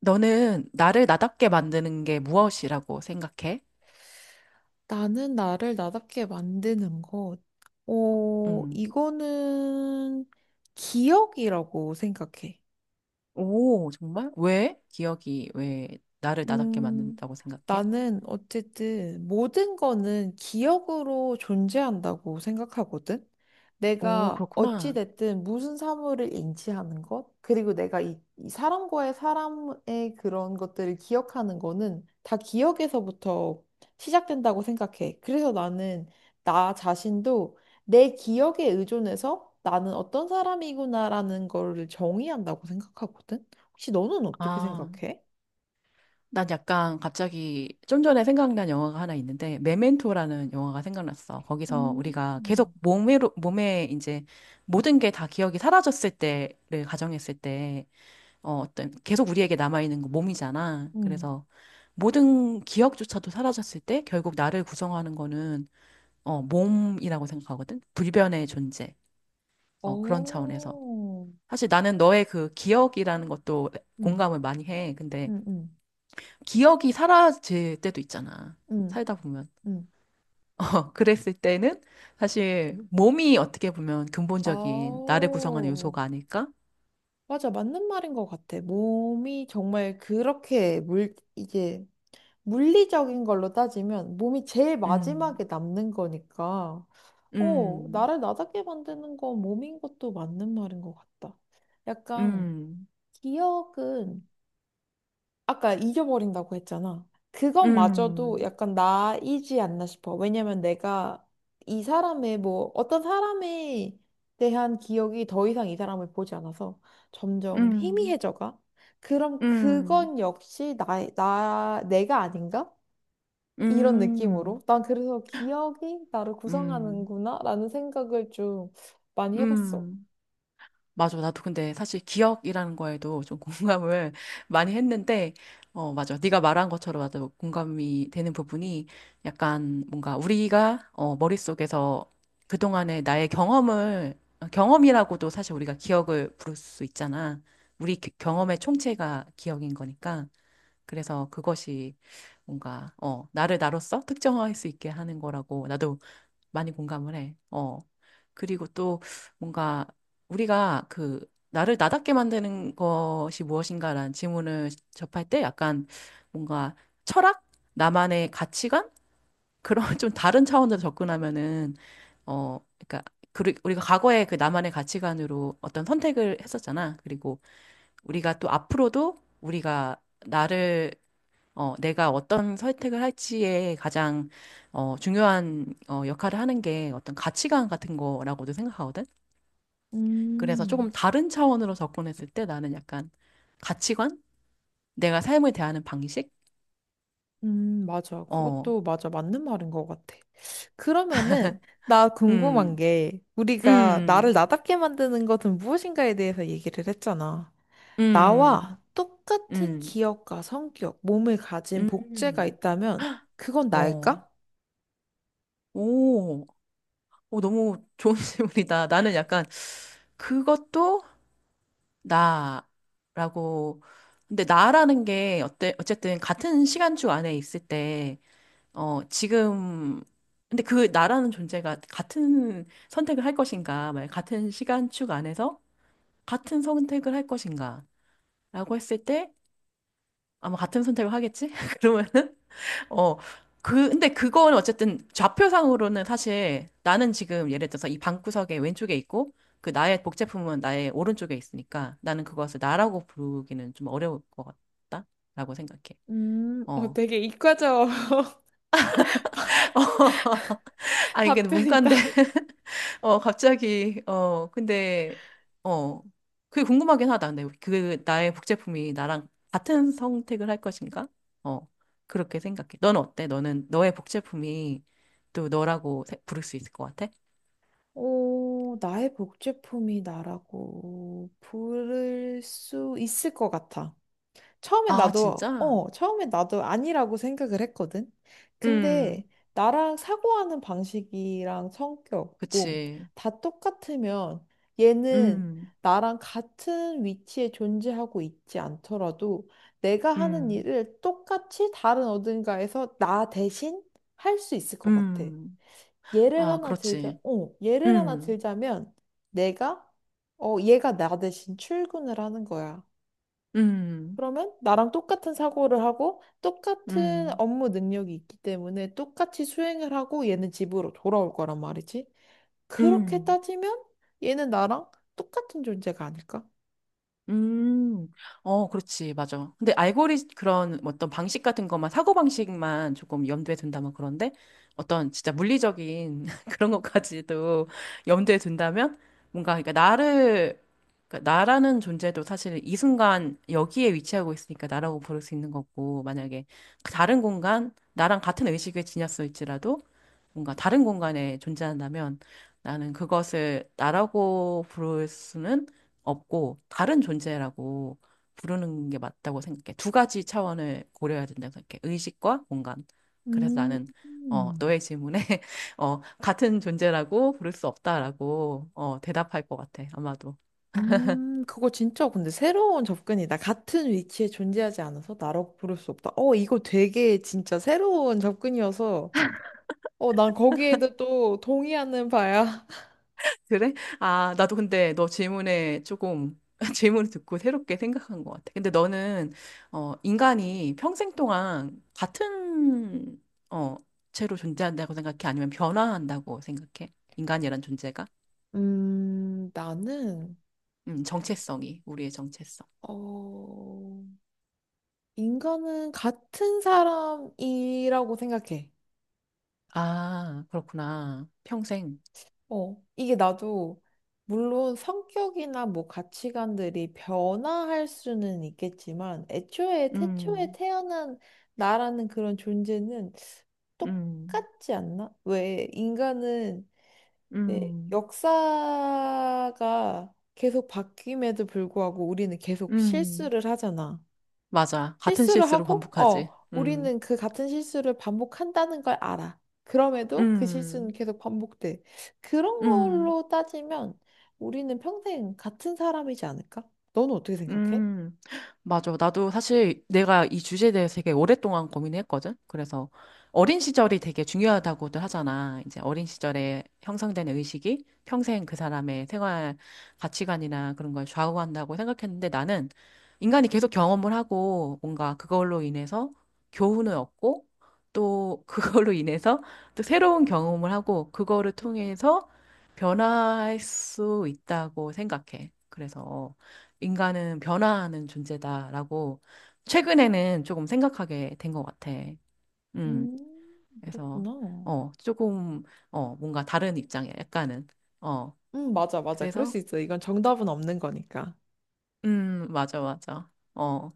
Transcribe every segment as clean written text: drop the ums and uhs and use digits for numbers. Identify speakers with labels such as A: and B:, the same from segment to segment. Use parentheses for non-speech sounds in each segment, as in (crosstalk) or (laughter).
A: 너는 나를 나답게 만드는 게 무엇이라고 생각해?
B: 나는 나를 나답게 만드는 것.
A: 음.
B: 이거는 기억이라고 생각해.
A: 오, 정말? 왜? 기억이 왜 나를 나답게
B: 음,
A: 만든다고 생각해?
B: 나는 어쨌든 모든 거는 기억으로 존재한다고 생각하거든.
A: 오,
B: 내가
A: 그렇구나.
B: 어찌됐든 무슨 사물을 인지하는 것, 그리고 내가 이 사람과의 사람의 그런 것들을 기억하는 거는 다 기억에서부터 시작된다고 생각해. 그래서 나는 나 자신도 내 기억에 의존해서 나는 어떤 사람이구나라는 거를 정의한다고 생각하거든. 혹시 너는 어떻게
A: 아,
B: 생각해?
A: 난 약간 갑자기 좀 전에 생각난 영화가 하나 있는데, 메멘토라는 영화가 생각났어. 거기서 우리가 계속
B: 음,
A: 몸에 이제 모든 게 다 기억이 사라졌을 때를 가정했을 때, 어떤 계속 우리에게 남아있는 거 몸이잖아.
B: 음,
A: 그래서 모든 기억조차도 사라졌을 때 결국 나를 구성하는 거는 몸이라고 생각하거든. 불변의 존재. 그런 차원에서.
B: 오,
A: 사실 나는 너의 그 기억이라는 것도
B: 음,
A: 공감을 많이 해. 근데
B: 음, 음,
A: 기억이 사라질 때도 있잖아.
B: 음,
A: 살다 보면.
B: 음.
A: (laughs) 그랬을 때는 사실 몸이 어떻게 보면 근본적인 나를 구성하는
B: 아오.
A: 요소가 아닐까?
B: 맞아, 맞는 말인 것 같아. 몸이 정말 그렇게 이게 물리적인 걸로 따지면 몸이 제일
A: 음,
B: 마지막에 남는 거니까,
A: 음,
B: 나를 나답게 만드는 건 몸인 것도 맞는 말인 것 같다. 약간
A: 음,
B: 기억은 아까 잊어버린다고 했잖아. 그것마저도
A: 음,
B: 약간 나이지 않나 싶어. 왜냐면 내가 이 사람의 뭐 어떤 사람에 대한 기억이 더 이상 이 사람을 보지 않아서 점점
A: 음.
B: 희미해져가. 그럼
A: 음,
B: 그건 역시 내가 아닌가? 이런
A: 음,
B: 느낌으로. 난 그래서 기억이 나를
A: 음,
B: 구성하는구나 라는 생각을 좀 많이 해봤어.
A: 음. 맞아. 나도 근데 사실 기억이라는 거에도 좀 공감을 (laughs) 많이 했는데, 맞아. 네가 말한 것처럼 맞아. 공감이 되는 부분이 약간 뭔가 우리가 머릿속에서 그동안의 나의 경험을, 경험이라고도 사실 우리가 기억을 부를 수 있잖아. 경험의 총체가 기억인 거니까. 그래서 그것이 뭔가, 나를 나로서 특정할 수 있게 하는 거라고. 나도 많이 공감을 해. 그리고 또 뭔가 우리가 그 나를 나답게 만드는 것이 무엇인가라는 질문을 접할 때 약간 뭔가 철학? 나만의 가치관? 그런 (laughs) 좀 다른 차원으로 접근하면은 그러니까 우리가 과거에 그 나만의 가치관으로 어떤 선택을 했었잖아. 그리고 우리가 또 앞으로도 우리가 나를 내가 어떤 선택을 할지에 가장 중요한 역할을 하는 게 어떤 가치관 같은 거라고도 생각하거든. 그래서
B: 음.
A: 조금 다른 차원으로 접근했을 때 나는 약간 가치관? 내가 삶을 대하는 방식?
B: 맞아.
A: 어,
B: 그것도 맞아. 맞는 말인 것 같아. 그러면은, 나 궁금한
A: 음,
B: 게, 우리가 나를
A: 음,
B: 나답게 만드는 것은 무엇인가에 대해서 얘기를 했잖아.
A: 음,
B: 나와 똑같은
A: 음,
B: 기억과 성격, 몸을 가진 복제가
A: 음,
B: 있다면, 그건
A: 어,
B: 나일까?
A: 오, 오, 너무 좋은 (laughs) 질문이다. 나는 약간 그것도 나라고. 근데 나라는 게 어때, 어쨌든 같은 시간주 안에 있을 때, 지금, 근데 그 나라는 존재가 같은 선택을 할 것인가, 만약 같은 시간축 안에서 같은 선택을 할 것인가, 라고 했을 때 아마 같은 선택을 하겠지? (laughs) 그러면은 어, 근데 그거는 어쨌든 좌표상으로는 사실 나는 지금 예를 들어서 이 방구석의 왼쪽에 있고 그 나의 복제품은 나의 오른쪽에 있으니까 나는 그것을 나라고 부르기는 좀 어려울 것 같다라고 생각해. 어.
B: 되게 이과적 (laughs)
A: (laughs) 아니, 이게
B: 답변이다.
A: 문과인데 갑자기, 근데, 어, 그게 궁금하긴 하다. 근데 그, 나의 복제품이 나랑 같은 선택을 할 것인가? 어, 그렇게 생각해. 넌 어때? 너는, 너의 복제품이 또 너라고 부를 수 있을 것 같아?
B: 오, 나의 복제품이 나라고 부를 수 있을 것 같아. 처음에
A: 아,
B: 나도,
A: 진짜?
B: 어, 처음에 나도 아니라고 생각을 했거든.
A: 음,
B: 근데 나랑 사고하는 방식이랑 성격, 몸,
A: 그치.
B: 다 똑같으면 얘는
A: 음,
B: 나랑 같은 위치에 존재하고 있지 않더라도 내가 하는
A: 음,
B: 일을 똑같이 다른 어딘가에서 나 대신 할 수 있을 것 같아.
A: 음.
B: 예를
A: 아,
B: 하나 들자,
A: 그렇지.
B: 어, 예를 하나
A: 음,
B: 들자면 내가, 얘가 나 대신 출근을 하는 거야.
A: 음,
B: 그러면 나랑 똑같은 사고를 하고 똑같은
A: 음,
B: 업무 능력이 있기 때문에 똑같이 수행을 하고 얘는 집으로 돌아올 거란 말이지. 그렇게
A: 음.
B: 따지면 얘는 나랑 똑같은 존재가 아닐까?
A: 음, 그렇지, 맞아. 근데 알고리 그런 뭐 어떤 방식 같은 것만, 사고방식만 조금 염두에 둔다면 그런데 어떤 진짜 물리적인 (laughs) 그런 것까지도 염두에 둔다면 뭔가, 그러니까 나라는 존재도 사실 이 순간 여기에 위치하고 있으니까 나라고 부를 수 있는 거고, 만약에 그 다른 공간, 나랑 같은 의식을 지녔을지라도 뭔가 다른 공간에 존재한다면 나는 그것을 나라고 부를 수는 없고 다른 존재라고 부르는 게 맞다고 생각해. 두 가지 차원을 고려해야 된다고 생각해. 의식과 공간. 그래서
B: 음,
A: 나는
B: 음,
A: 너의 질문에 (laughs) 같은 존재라고 부를 수 없다라고 대답할 것 같아. 아마도.
B: 그거 진짜 근데 새로운 접근이다. 같은 위치에 존재하지 않아서 나라고 부를 수 없다. 이거 되게 진짜 새로운 접근이어서 난 거기에도 또 동의하는 바야. (laughs)
A: (laughs) 그래? 아, 나도 근데 너 질문에 조금 (laughs) 질문을 듣고 새롭게 생각한 것 같아. 근데 너는 인간이 평생 동안 같은 어, 채로 존재한다고 생각해? 아니면 변화한다고 생각해? 인간이란 존재가?
B: 나는
A: 정체성이 우리의 정체성.
B: 어. 인간은 같은 사람이라고 생각해.
A: 아, 그렇구나. 평생.
B: 이게 나도 물론 성격이나 뭐 가치관들이 변화할 수는 있겠지만 애초에 태초에
A: 음,
B: 태어난 나라는 그런 존재는
A: 음,
B: 똑같지 않나? 왜 인간은 내
A: 음,
B: 역사가 계속 바뀜에도 불구하고 우리는 계속
A: 음,
B: 실수를 하잖아.
A: 맞아. 같은
B: 실수를
A: 실수를
B: 하고,
A: 반복하지.
B: 우리는 그 같은 실수를 반복한다는 걸 알아. 그럼에도 그
A: 음,
B: 실수는 계속 반복돼. 그런
A: 음.
B: 걸로 따지면 우리는 평생 같은 사람이지 않을까? 너는 어떻게 생각해?
A: 음, 맞아. 나도 사실 내가 이 주제에 대해서 되게 오랫동안 고민했거든. 그래서 어린 시절이 되게 중요하다고들 하잖아. 이제 어린 시절에 형성되는 의식이 평생 그 사람의 생활 가치관이나 그런 걸 좌우한다고 생각했는데 나는 인간이 계속 경험을 하고 뭔가 그걸로 인해서 교훈을 얻고 또 그걸로 (laughs) 인해서 또 새로운 경험을 하고 그거를 통해서 변화할 수 있다고 생각해. 그래서 인간은 변화하는 존재다라고 최근에는 조금 생각하게 된 것 같아. 음, 그래서,
B: 그렇구나.
A: 조금, 뭔가 다른 입장이야, 약간은. 어,
B: 맞아, 맞아. 그럴
A: 그래서,
B: 수 있어. 이건 정답은 없는 거니까.
A: 맞아, 맞아. 어.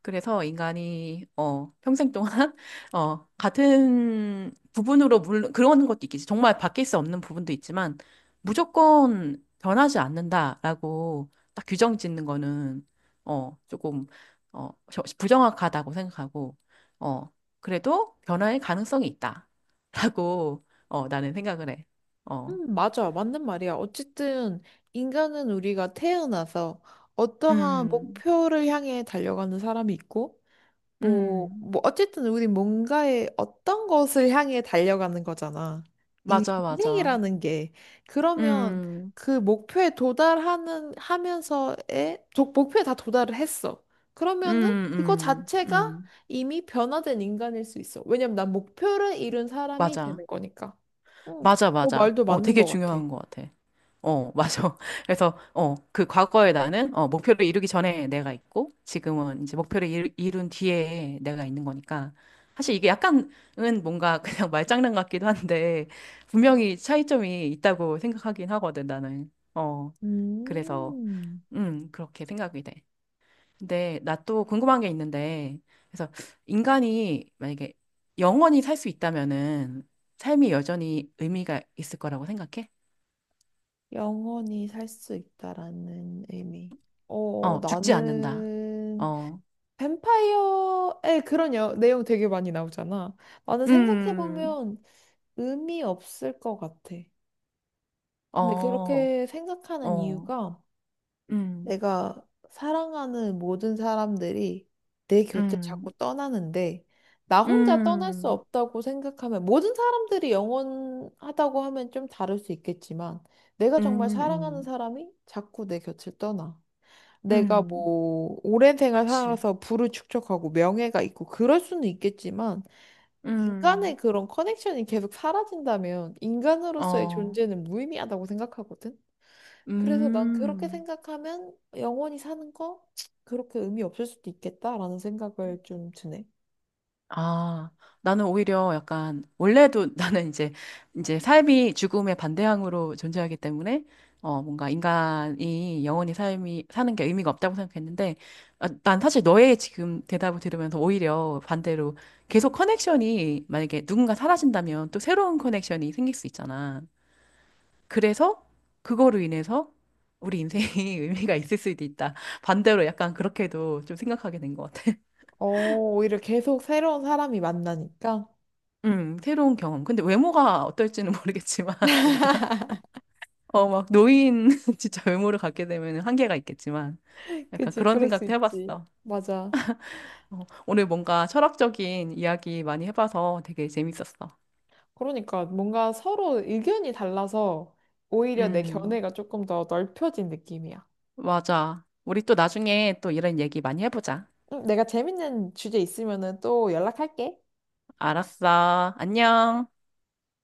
A: 그래서 인간이 평생 동안 (laughs) 같은 부분으로 물론 그런 것도 있겠지. 정말 바뀔 수 없는 부분도 있지만 무조건 변하지 않는다라고 딱 규정 짓는 거는 조금 부정확하다고 생각하고 어 그래도 변화의 가능성이 있다라고 나는 생각을 해. 어.
B: 맞아. 맞는 말이야. 어쨌든 인간은 우리가 태어나서 어떠한
A: 음.
B: 목표를 향해 달려가는 사람이 있고, 뭐,
A: 음.
B: 뭐, 어쨌든 우리 뭔가의 어떤 것을 향해 달려가는 거잖아. 이
A: 맞아, 맞아.
B: 인생이라는 게. 그러면
A: 음.
B: 그 목표에 도달하는, 하면서의, 도- 목표에 다 도달을 했어. 그러면은
A: 음,
B: 그거
A: 음,
B: 자체가
A: 음.
B: 이미 변화된 인간일 수 있어. 왜냐면 난 목표를 이룬 사람이
A: 맞아.
B: 되는 거니까. 응,
A: 맞아,
B: 너
A: 맞아.
B: 말도 맞는
A: 되게
B: 것 같아.
A: 중요한 것 같아. 맞아. (laughs) 그래서, 그 과거에 나는, 목표를 이루기 전에 내가 있고, 지금은 이제 목표를 이룬 뒤에 내가 있는 거니까. 사실 이게 약간은 뭔가 그냥 (laughs) 말장난 같기도 한데, 분명히 차이점이 있다고 생각하긴 하거든, 나는. 그래서,
B: 음,
A: 그렇게 생각이 돼. 근데 나 또 궁금한 게 있는데, 그래서 인간이 만약에 영원히 살 수 있다면은 삶이 여전히 의미가 있을 거라고 생각해?
B: 영원히 살 수 있다라는 의미.
A: 죽지 않는다.
B: 나는
A: 어,
B: 뱀파이어의 그런 내용 되게 많이 나오잖아. 나는
A: 음,
B: 생각해보면 의미 없을 것 같아. 근데
A: 어,
B: 그렇게 생각하는
A: 어,
B: 이유가
A: 음,
B: 내가 사랑하는 모든 사람들이 내 곁을 자꾸
A: 음,
B: 떠나는데 나 혼자 떠날 수
A: 음,
B: 없다고 생각하면 모든 사람들이 영원하다고 하면 좀 다를 수 있겠지만 내가 정말
A: 음,
B: 사랑하는
A: 음,
B: 사람이 자꾸 내 곁을 떠나. 내가
A: 음,
B: 뭐 오랜 생활
A: 그치.
B: 살아서 부를 축적하고 명예가 있고 그럴 수는 있겠지만 인간의
A: 음,
B: 그런 커넥션이 계속 사라진다면 인간으로서의
A: 어,
B: 존재는 무의미하다고 생각하거든. 그래서 난 그렇게
A: 음.
B: 생각하면 영원히 사는 거 그렇게 의미 없을 수도 있겠다라는 생각을 좀 드네.
A: 아, 나는 오히려 약간 원래도 (laughs) 나는 이제 삶이 죽음의 반대항으로 존재하기 때문에 뭔가 인간이 영원히 삶이 사는 게 의미가 없다고 생각했는데 아, 난 사실 너의 지금 대답을 들으면서 오히려 반대로 계속 커넥션이 만약에 누군가 사라진다면 또 새로운 커넥션이 생길 수 있잖아. 그래서 그거로 인해서 우리 인생이 (laughs) 의미가 있을 수도 있다. 반대로 약간 그렇게도 좀 생각하게 된 것 같아.
B: 어, 오히려 계속 새로운 사람이 만나니까.
A: 새로운 경험. 근데 외모가 어떨지는 모르겠지만, (laughs) 우리가, 막, 노인, (laughs) 진짜 외모를 갖게 되면 한계가 있겠지만,
B: (laughs)
A: 약간
B: 그치,
A: 그런
B: 그럴 수
A: 생각도
B: 있지.
A: 해봤어.
B: 맞아.
A: 오늘 뭔가 철학적인 이야기 많이 해봐서 되게 재밌었어.
B: 그러니까 뭔가 서로 의견이 달라서 오히려 내
A: 음,
B: 견해가 조금 더 넓혀진 느낌이야.
A: 맞아. 우리 또 나중에 또 이런 얘기 많이 해보자.
B: 내가 재밌는 주제 있으면은 또 연락할게.
A: 알았어. 안녕.